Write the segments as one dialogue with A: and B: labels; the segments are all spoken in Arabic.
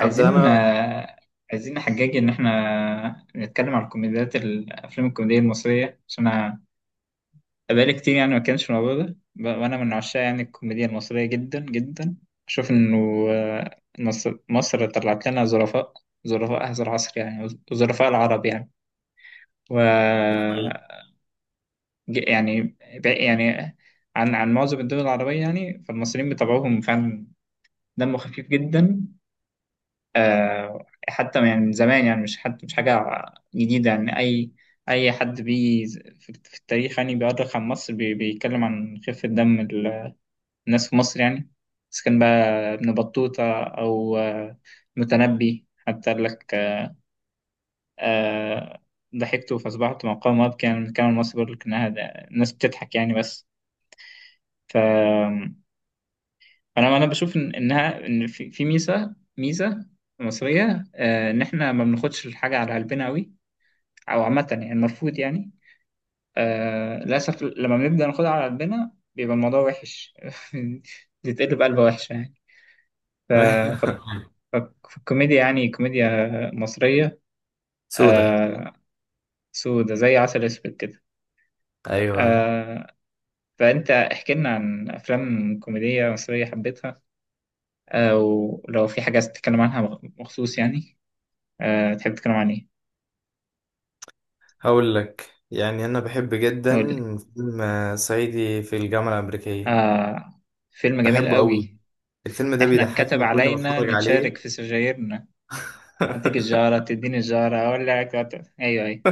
A: أبدأ أنا.
B: عايزين نحجج ان احنا نتكلم على الكوميديات الافلام الكوميديه المصريه عشان انا بقالي كتير يعني ما كانش الموضوع ده وانا من عشاق يعني الكوميديا المصريه جدا جدا اشوف انه مصر طلعت لنا ظرفاء، ظرفاء هذا العصر يعني، ظرفاء العرب يعني، و ج- يعني ب- يعني عن معظم الدول العربيه يعني، فالمصريين بطبعهم فعلا دمه خفيف جدا. حتى يعني من زمان يعني، مش حد مش حاجة جديدة يعني. أي أي حد في التاريخ يعني بيؤرخ عن مصر بيتكلم عن خفة دم الناس في مصر يعني، إذا كان بقى ابن بطوطة أو متنبي، حتى قال لك آه، ضحكت فأصبحت مقام أبكي. يعني من كلام المصري بيقول لك إنها الناس بتضحك يعني بس. ف أنا بشوف إن في ميزة، ميزة مصرية، إن إحنا ما بناخدش الحاجة على قلبنا أوي او عامه، يعني المرفوض يعني. آه للاسف لما بنبدا ناخدها على قلبنا بيبقى الموضوع وحش. بتتقلب قلبه وحشه يعني. ف... ف... ف... الكوميديا يعني كوميديا مصريه.
A: سودة.
B: آه، سودة زي عسل اسود كده.
A: أيوة.
B: آه، فانت احكي لنا عن افلام كوميديه مصريه حبيتها، آه، ولو في حاجه عايز تتكلم عنها مخصوص يعني، آه، تحب تتكلم عن ايه؟
A: هقول لك، يعني أنا بحب جدا
B: قول لي.
A: فيلم صعيدي في الجامعة الأمريكية،
B: آه، فيلم جميل
A: بحبه أوي.
B: قوي.
A: الفيلم ده
B: احنا اتكتب
A: بيضحكني كل ما
B: علينا
A: أتفرج عليه.
B: نتشارك في سجايرنا، اديك الجارة تديني الجارة اولع ايوه ايوه.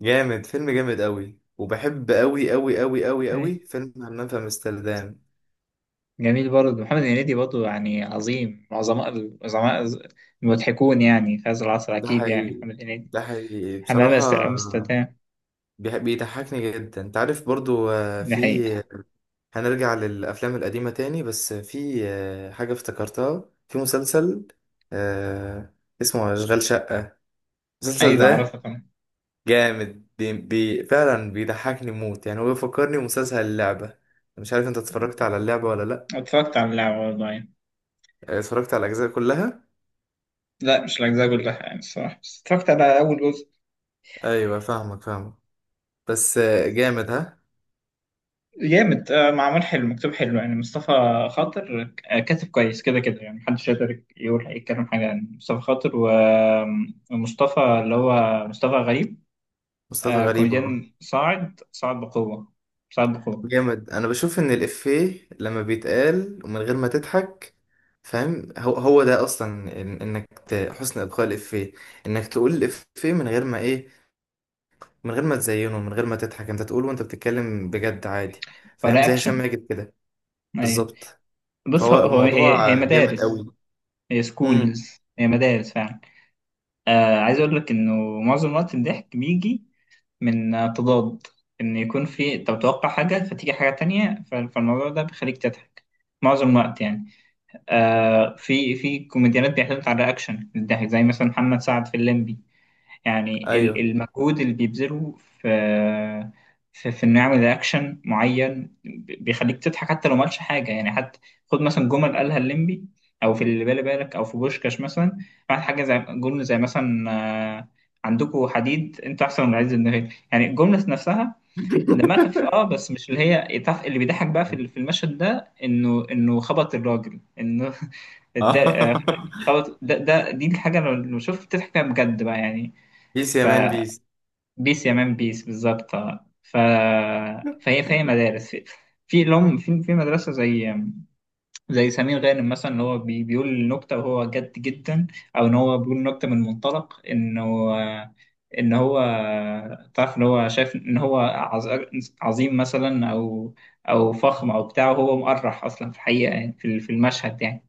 A: جامد. فيلم جامد أوي، وبحب أوي أوي أوي أوي
B: أيوة.
A: أوي فيلم همام في أمستردام.
B: جميل برضه، محمد هنيدي برضه يعني عظيم من عظماء العظماء المضحكون يعني في هذا العصر،
A: ده
B: اكيد يعني
A: حقيقي،
B: محمد هنيدي.
A: ده حقيقي
B: حمام
A: بصراحة.
B: امستردام،
A: بيضحكني جدا. أنت عارف برضو
B: ده حقيقة.
A: هنرجع للأفلام القديمة تاني، بس في آه، حاجة افتكرتها في مسلسل آه، اسمه أشغال شقة. المسلسل
B: ايوه اعرفها
A: ده
B: طبعا.
A: جامد، بي بي فعلا بيضحكني موت. يعني هو بيفكرني بمسلسل اللعبة، مش عارف انت اتفرجت على اللعبة ولا لأ؟
B: اتفرجت على اللعبة والله يعني.
A: اتفرجت على الأجزاء كلها.
B: لا مش الاجزاء كلها يعني الصراحة، بس اتفرجت على اول جزء.
A: أيوة، فاهمك فاهمك. بس جامد ها.
B: جامد، معمول حلو، مكتوب حلو يعني. مصطفى خاطر كاتب كويس كده كده يعني، محدش يقدر يقول يتكلم حاجة عن مصطفى خاطر ومصطفى اللي هو مصطفى غريب.
A: مصطفى
B: آه،
A: غريب اهو.
B: كوميديان صاعد، صاعد بقوة، صاعد بقوة.
A: جامد. أنا بشوف إن الإفيه لما بيتقال ومن غير ما تضحك، فاهم؟ هو ده اصلا، حسن ابقاء الافيه، انك تقول الافيه من غير ما ايه، من غير ما تزينه، من غير ما تضحك، انت تقول وانت بتتكلم بجد عادي، فاهم؟
B: فده
A: زي هشام
B: أكشن،
A: ماجد كده.
B: أيوة.
A: بالظبط.
B: بص، هو
A: فهو
B: هو- هي هي
A: الموضوع جامد
B: مدارس،
A: قوي.
B: هي
A: امم.
B: سكولز، هي مدارس فعلا. آه، عايز أقول لك إنه معظم الوقت الضحك بيجي من تضاد، إن يكون في أنت متوقع حاجة فتيجي حاجة تانية، فالموضوع ده بيخليك تضحك معظم الوقت يعني. آه، في في كوميديانات بيعتمد على الرياكشن الضحك، زي مثلا محمد سعد في الليمبي يعني.
A: ايوه.
B: المجهود اللي بيبذله في في انه يعمل اكشن معين بيخليك تضحك حتى لو مالش حاجه يعني. حتى خد مثلا جمل قالها الليمبي او في اللي بالي بالك، او في بوشكاش مثلا، بعد حاجه زي جمله زي مثلا آه، عندكوا حديد انتوا احسن من عز، النهايه يعني الجمله نفسها دماء خفيف اه، بس مش اللي اللي بيضحك بقى
A: أيوة.
B: في المشهد ده، انه انه خبط الراجل، انه ده
A: اه.
B: خبط. ده دي الحاجه لو لو شفت تضحك فيها بجد بقى يعني.
A: بيس يا مان بيس.
B: بيس يا مان بيس، بالظبط آه. فهي مدارس، في في لهم في في مدرسه زي، زي سمير غانم مثلا اللي هو بيقول نكته وهو جد جدا، او ان هو بيقول نكته من منطلق انه آه، ان هو تعرف ان هو شايف ان هو عظيم مثلا، او او فخم او بتاع، وهو مقرح اصلا في الحقيقه يعني في في المشهد يعني.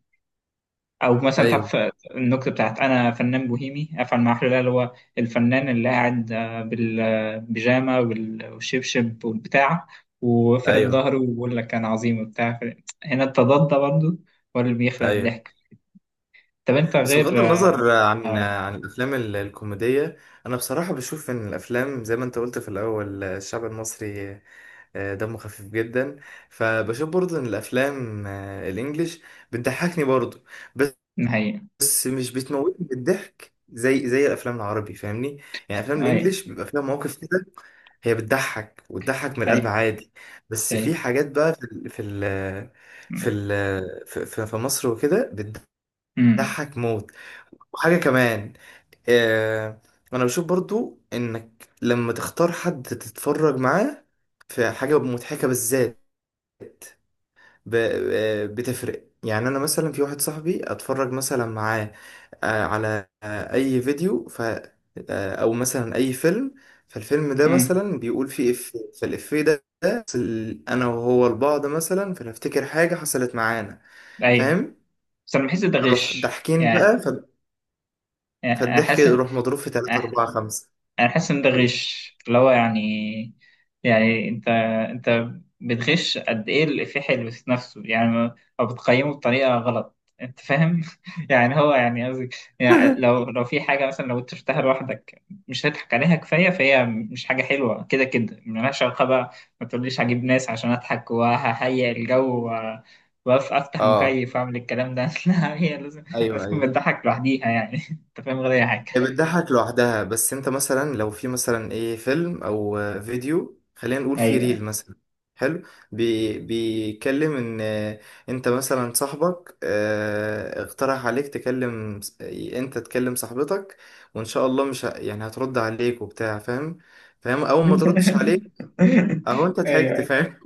B: او مثلا
A: ايوه
B: تعرف النكته بتاعت انا فنان بوهيمي افعل ما احلى، اللي هو الفنان اللي قاعد بالبيجامه والشبشب والبتاع وفرد
A: ايوه
B: ظهره ويقول لك انا عظيم وبتاع. هنا التضاد ده برضه هو اللي بيخلق
A: ايوه.
B: الضحك. طب انت
A: بس بغض
B: غير اه.
A: النظر عن
B: آه،
A: الافلام الكوميديه، انا بصراحه بشوف ان الافلام، زي ما انت قلت في الاول، الشعب المصري دمه خفيف جدا. فبشوف برضو ان الافلام الانجليش بتضحكني برضو،
B: هي
A: بس مش بتموتني بالضحك زي الافلام العربي، فاهمني؟ يعني افلام
B: هي
A: الانجليش بيبقى فيها مواقف كده، هي بتضحك وتضحك من القلب
B: هي
A: عادي. بس
B: هي
A: في حاجات بقى، في مصر وكده،
B: امم،
A: بتضحك موت. وحاجه كمان، آه، انا بشوف برضو انك لما تختار حد تتفرج معاه في حاجة مضحكة بالذات، ب- بتفرق يعني. انا مثلا في واحد صاحبي اتفرج مثلا معاه على اي فيديو، او مثلا اي فيلم، فالفيلم ده
B: امم،
A: مثلا بيقول فيه افيه، فالافيه ده حصل انا وهو لبعض مثلا، فنفتكر حاجة حصلت معانا،
B: ايوه
A: فاهم؟
B: بس انا بحس ده
A: نروح
B: غش
A: ضاحكين
B: يعني،
A: بقى،
B: يعني
A: فالضحك
B: احس،
A: يروح مضروب في 3 4 5.
B: انا حاسس ان ده غش، اللي هو يعني، يعني انت بتغش قد ايه الافيه اللي في نفسه يعني او بتقيمه بطريقه غلط، انت فاهم يعني، هو يعني قصدي يعني، لو لو في حاجه مثلا لو انت شفتها لوحدك مش هتضحك عليها كفايه، فهي مش حاجه حلوه كده كده ملهاش علاقه بقى. ما تقوليش هجيب ناس عشان اضحك وههيئ الجو وافتح
A: اه،
B: المكيف واعمل الكلام ده لا هي لازم،
A: ايوه
B: لازم تكون
A: ايوه.
B: بتضحك لوحديها يعني انت فاهم، غير اي حاجه.
A: هي بتضحك لوحدها، بس انت مثلا لو في مثلا ايه، فيلم او فيديو، خلينا نقول في
B: ايوه
A: ريل مثلا حلو، بيتكلم ان انت مثلا صاحبك اقترح عليك تكلم انت تكلم صاحبتك، وان شاء الله مش يعني هترد عليك وبتاع، فاهم؟ فاهم. اول ما تردش عليك اهو، انت ضحكت،
B: ايوه
A: فاهم؟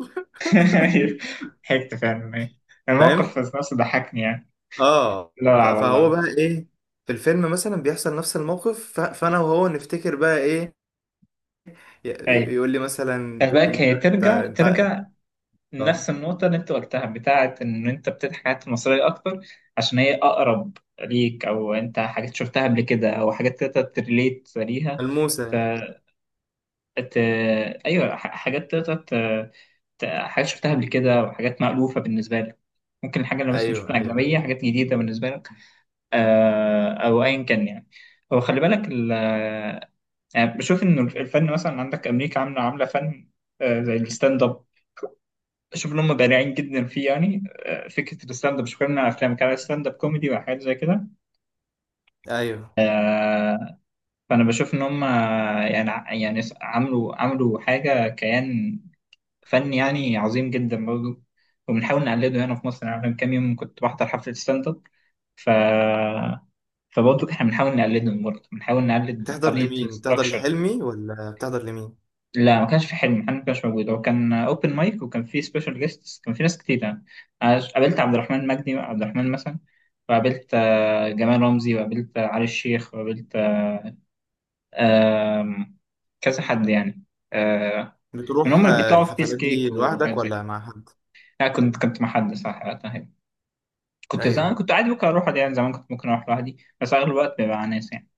B: ايوه، ضحكت فعلا ايوه،
A: فاهم.
B: الموقف في نفسه ضحكني يعني.
A: اه،
B: لا
A: فهو
B: والله.
A: بقى ايه؟ في الفيلم مثلا بيحصل نفس الموقف، فانا وهو نفتكر بقى ايه، ي-
B: ايوه.
A: يقول لي مثلا،
B: فباك، هي
A: انت انت
B: ترجع،
A: انت
B: ترجع لنفس
A: اه،
B: النقطة اللي انت قلتها بتاعة ان انت بتضحك حاجات مصرية اكتر عشان هي اقرب ليك، او انت حاجات شفتها قبل كده، او حاجات تقدر تريليت ليها.
A: ملموسة.
B: ت... ايوه، حاجات تقدر حاجات شفتها قبل كده وحاجات مألوفة بالنسبة لك، ممكن الحاجة اللي مثلا
A: ايوه
B: شفنا
A: ايوه
B: أجنبية حاجات جديدة بالنسبة لك، او ايا كان يعني. هو خلي بالك يعني بشوف ان الفن مثلا عندك امريكا عامله، عامله فن زي الستاند اب، شوف ان هم بارعين جدا فيه يعني. آه، فكره الستاند اب، مش بتكلم عن افلام، كان ستاند اب كوميدي وحاجات زي كده،
A: ايوه.
B: آه، فانا بشوف ان هم يعني عملوا حاجه كيان فني يعني عظيم جدا برضه، وبنحاول نقلده هنا في مصر يعني. أنا من كام يوم كنت بحضر حفله ستاند اب. ف فبرضه احنا بنحاول نقلدهم، برضه بنحاول نقلد
A: بتحضر
B: طريقة
A: لمين؟ بتحضر
B: الاستراكشر.
A: لحلمي ولا بتحضر لمين؟
B: لا ما كانش في حلم محمد، ما كانش موجود، هو كان اوبن مايك وكان في سبيشال جيستس، كان في ناس كتير يعني. أنا قابلت عبد الرحمن، مجدي عبد الرحمن مثلا، وقابلت جمال رمزي، وقابلت علي الشيخ، وقابلت آم، كذا حد يعني، آه، من هم
A: بتروح
B: اللي بيطلعوا في بيس
A: الحفلات
B: كيك
A: دي لوحدك
B: وحاجات زي كده.
A: ولا مع حد؟
B: لا كنت، كنت مع حد صح وقتها يعني. كنت زمان
A: ايوه
B: كنت عادي ممكن اروح لوحدي يعني، زمان كنت ممكن اروح لوحدي، بس اغلب الوقت بيبقى مع ناس يعني.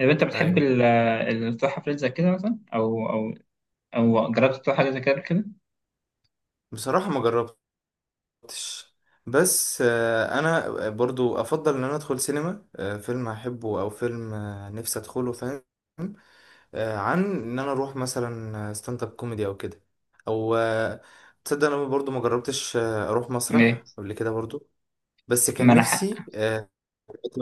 B: طب انت بتحب
A: ايوه.
B: التفاحة فريد زي كده مثلا، او او او جربت تطلع حاجة زي كده قبل كده؟
A: بصراحة، ما جربتش. بس انا برضو افضل ان انا ادخل سينما فيلم احبه، او فيلم نفسي ادخله، فاهم؟ عن ان انا اروح مثلا ستاند اب كوميدي او كده، او آه، تصدق انا برضو ما جربتش اروح
B: ايه،
A: مسرح قبل كده برضو. بس كان نفسي
B: منح،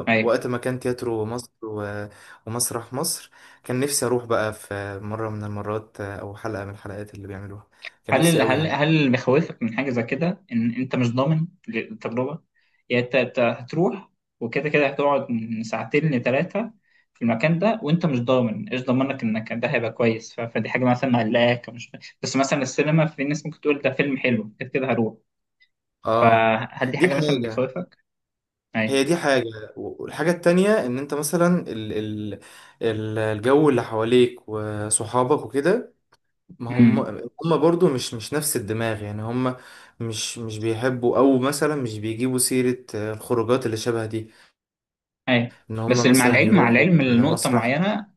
B: ايوه.
A: وقت ما كان تياترو مصر ومسرح مصر، كان نفسي اروح بقى في مرة من المرات او حلقة من الحلقات اللي بيعملوها، كان
B: هل
A: نفسي قوي يعني.
B: هل اللي بيخوفك من حاجة زي كده ان انت مش ضامن التجربة؟ يعني انت هتروح وكده كده هتقعد من ساعتين لثلاثة في المكان ده، وانت مش ضامن، ايش ضمنك انك ده هيبقى كويس، فدي حاجة مثلا مقلقاك، مش بس مثلا السينما في ناس ممكن تقول ده فيلم حلو كده كده هروح.
A: اه،
B: فهل دي
A: دي
B: حاجة مثلا
A: حاجة.
B: بتخوفك؟
A: هي دي حاجة. والحاجة التانية ان انت مثلا، الجو اللي حواليك وصحابك وكده، ما هم،
B: ايوه
A: برضو مش نفس الدماغ، يعني هم مش بيحبوا، او مثلا مش بيجيبوا سيرة الخروجات اللي شبه دي،
B: اي،
A: ان
B: بس
A: هم
B: مع
A: مثلا
B: العلم، مع
A: يروحوا
B: العلم لنقطة
A: مسرح.
B: معينة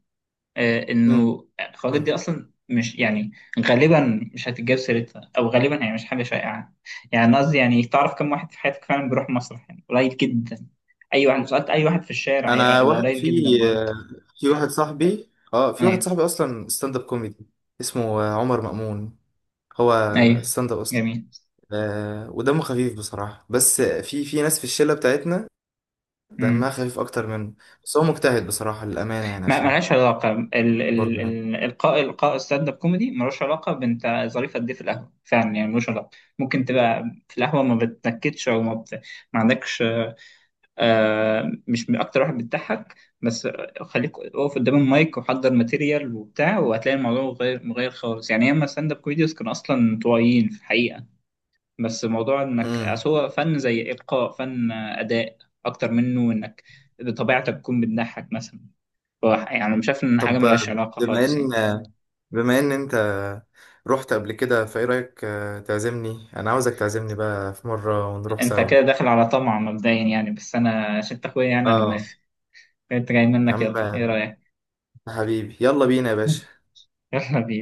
A: م-
B: انه الخواجات دي
A: م.
B: اصلا مش يعني غالبا مش هتتجاب سيرتها، او غالبا هي مش حاجة شائعة يعني. أنا قصدي يعني، تعرف كم واحد في حياتك فعلا بيروح مسرح؟ يعني قليل جدا، اي واحد لو سألت اي واحد في الشارع
A: انا
B: هيبقى
A: واحد
B: قليل جدا
A: في،
B: برضه.
A: آه، في واحد صاحبي،
B: ايوه
A: اصلا ستاند اب كوميدي، اسمه عمر مأمون. هو
B: ايوه،
A: ستاند اب اصلا.
B: جميل.
A: ودمه خفيف بصراحة، بس في ناس في الشلة بتاعتنا دمها
B: امم،
A: خفيف اكتر منه. بس هو مجتهد بصراحة، للأمانة، يعني
B: ما
A: عشان
B: ملهاش علاقة ال ال
A: برضه يعني
B: ال القاء، القاء ستاند اب كوميدي ملوش علاقة بنت ظريفة قد ايه في القهوة فعلا يعني، ملوش علاقة. ممكن تبقى في القهوة ما بتنكدش، او ما عندكش مش من اكتر واحد بتضحك، بس خليك اقف قدام المايك وحضر ماتيريال وبتاع وهتلاقي الموضوع غير، مغير خالص يعني. ياما ستاند اب كوميديوز كانوا اصلا انطوائيين في الحقيقه، بس موضوع انك
A: مم.
B: أصل هو فن زي القاء، فن اداء اكتر منه انك بطبيعتك تكون بتضحك مثلا. يعني أنا مش شايف ان حاجه
A: طب،
B: ملهاش علاقه خالص يعني.
A: بما ان انت رحت قبل كده، فايه رأيك تعزمني؟ انا عاوزك تعزمني بقى في مرة ونروح
B: انت
A: سوا.
B: كده داخل على طمع مبدئيا يعني، بس انا عشان أنت اخويا يعني انا
A: اه،
B: موافق. انت جاي
A: يا
B: منك،
A: عم
B: يلا ايه رايك.
A: حبيبي، يلا بينا يا باشا.
B: يلا بينا.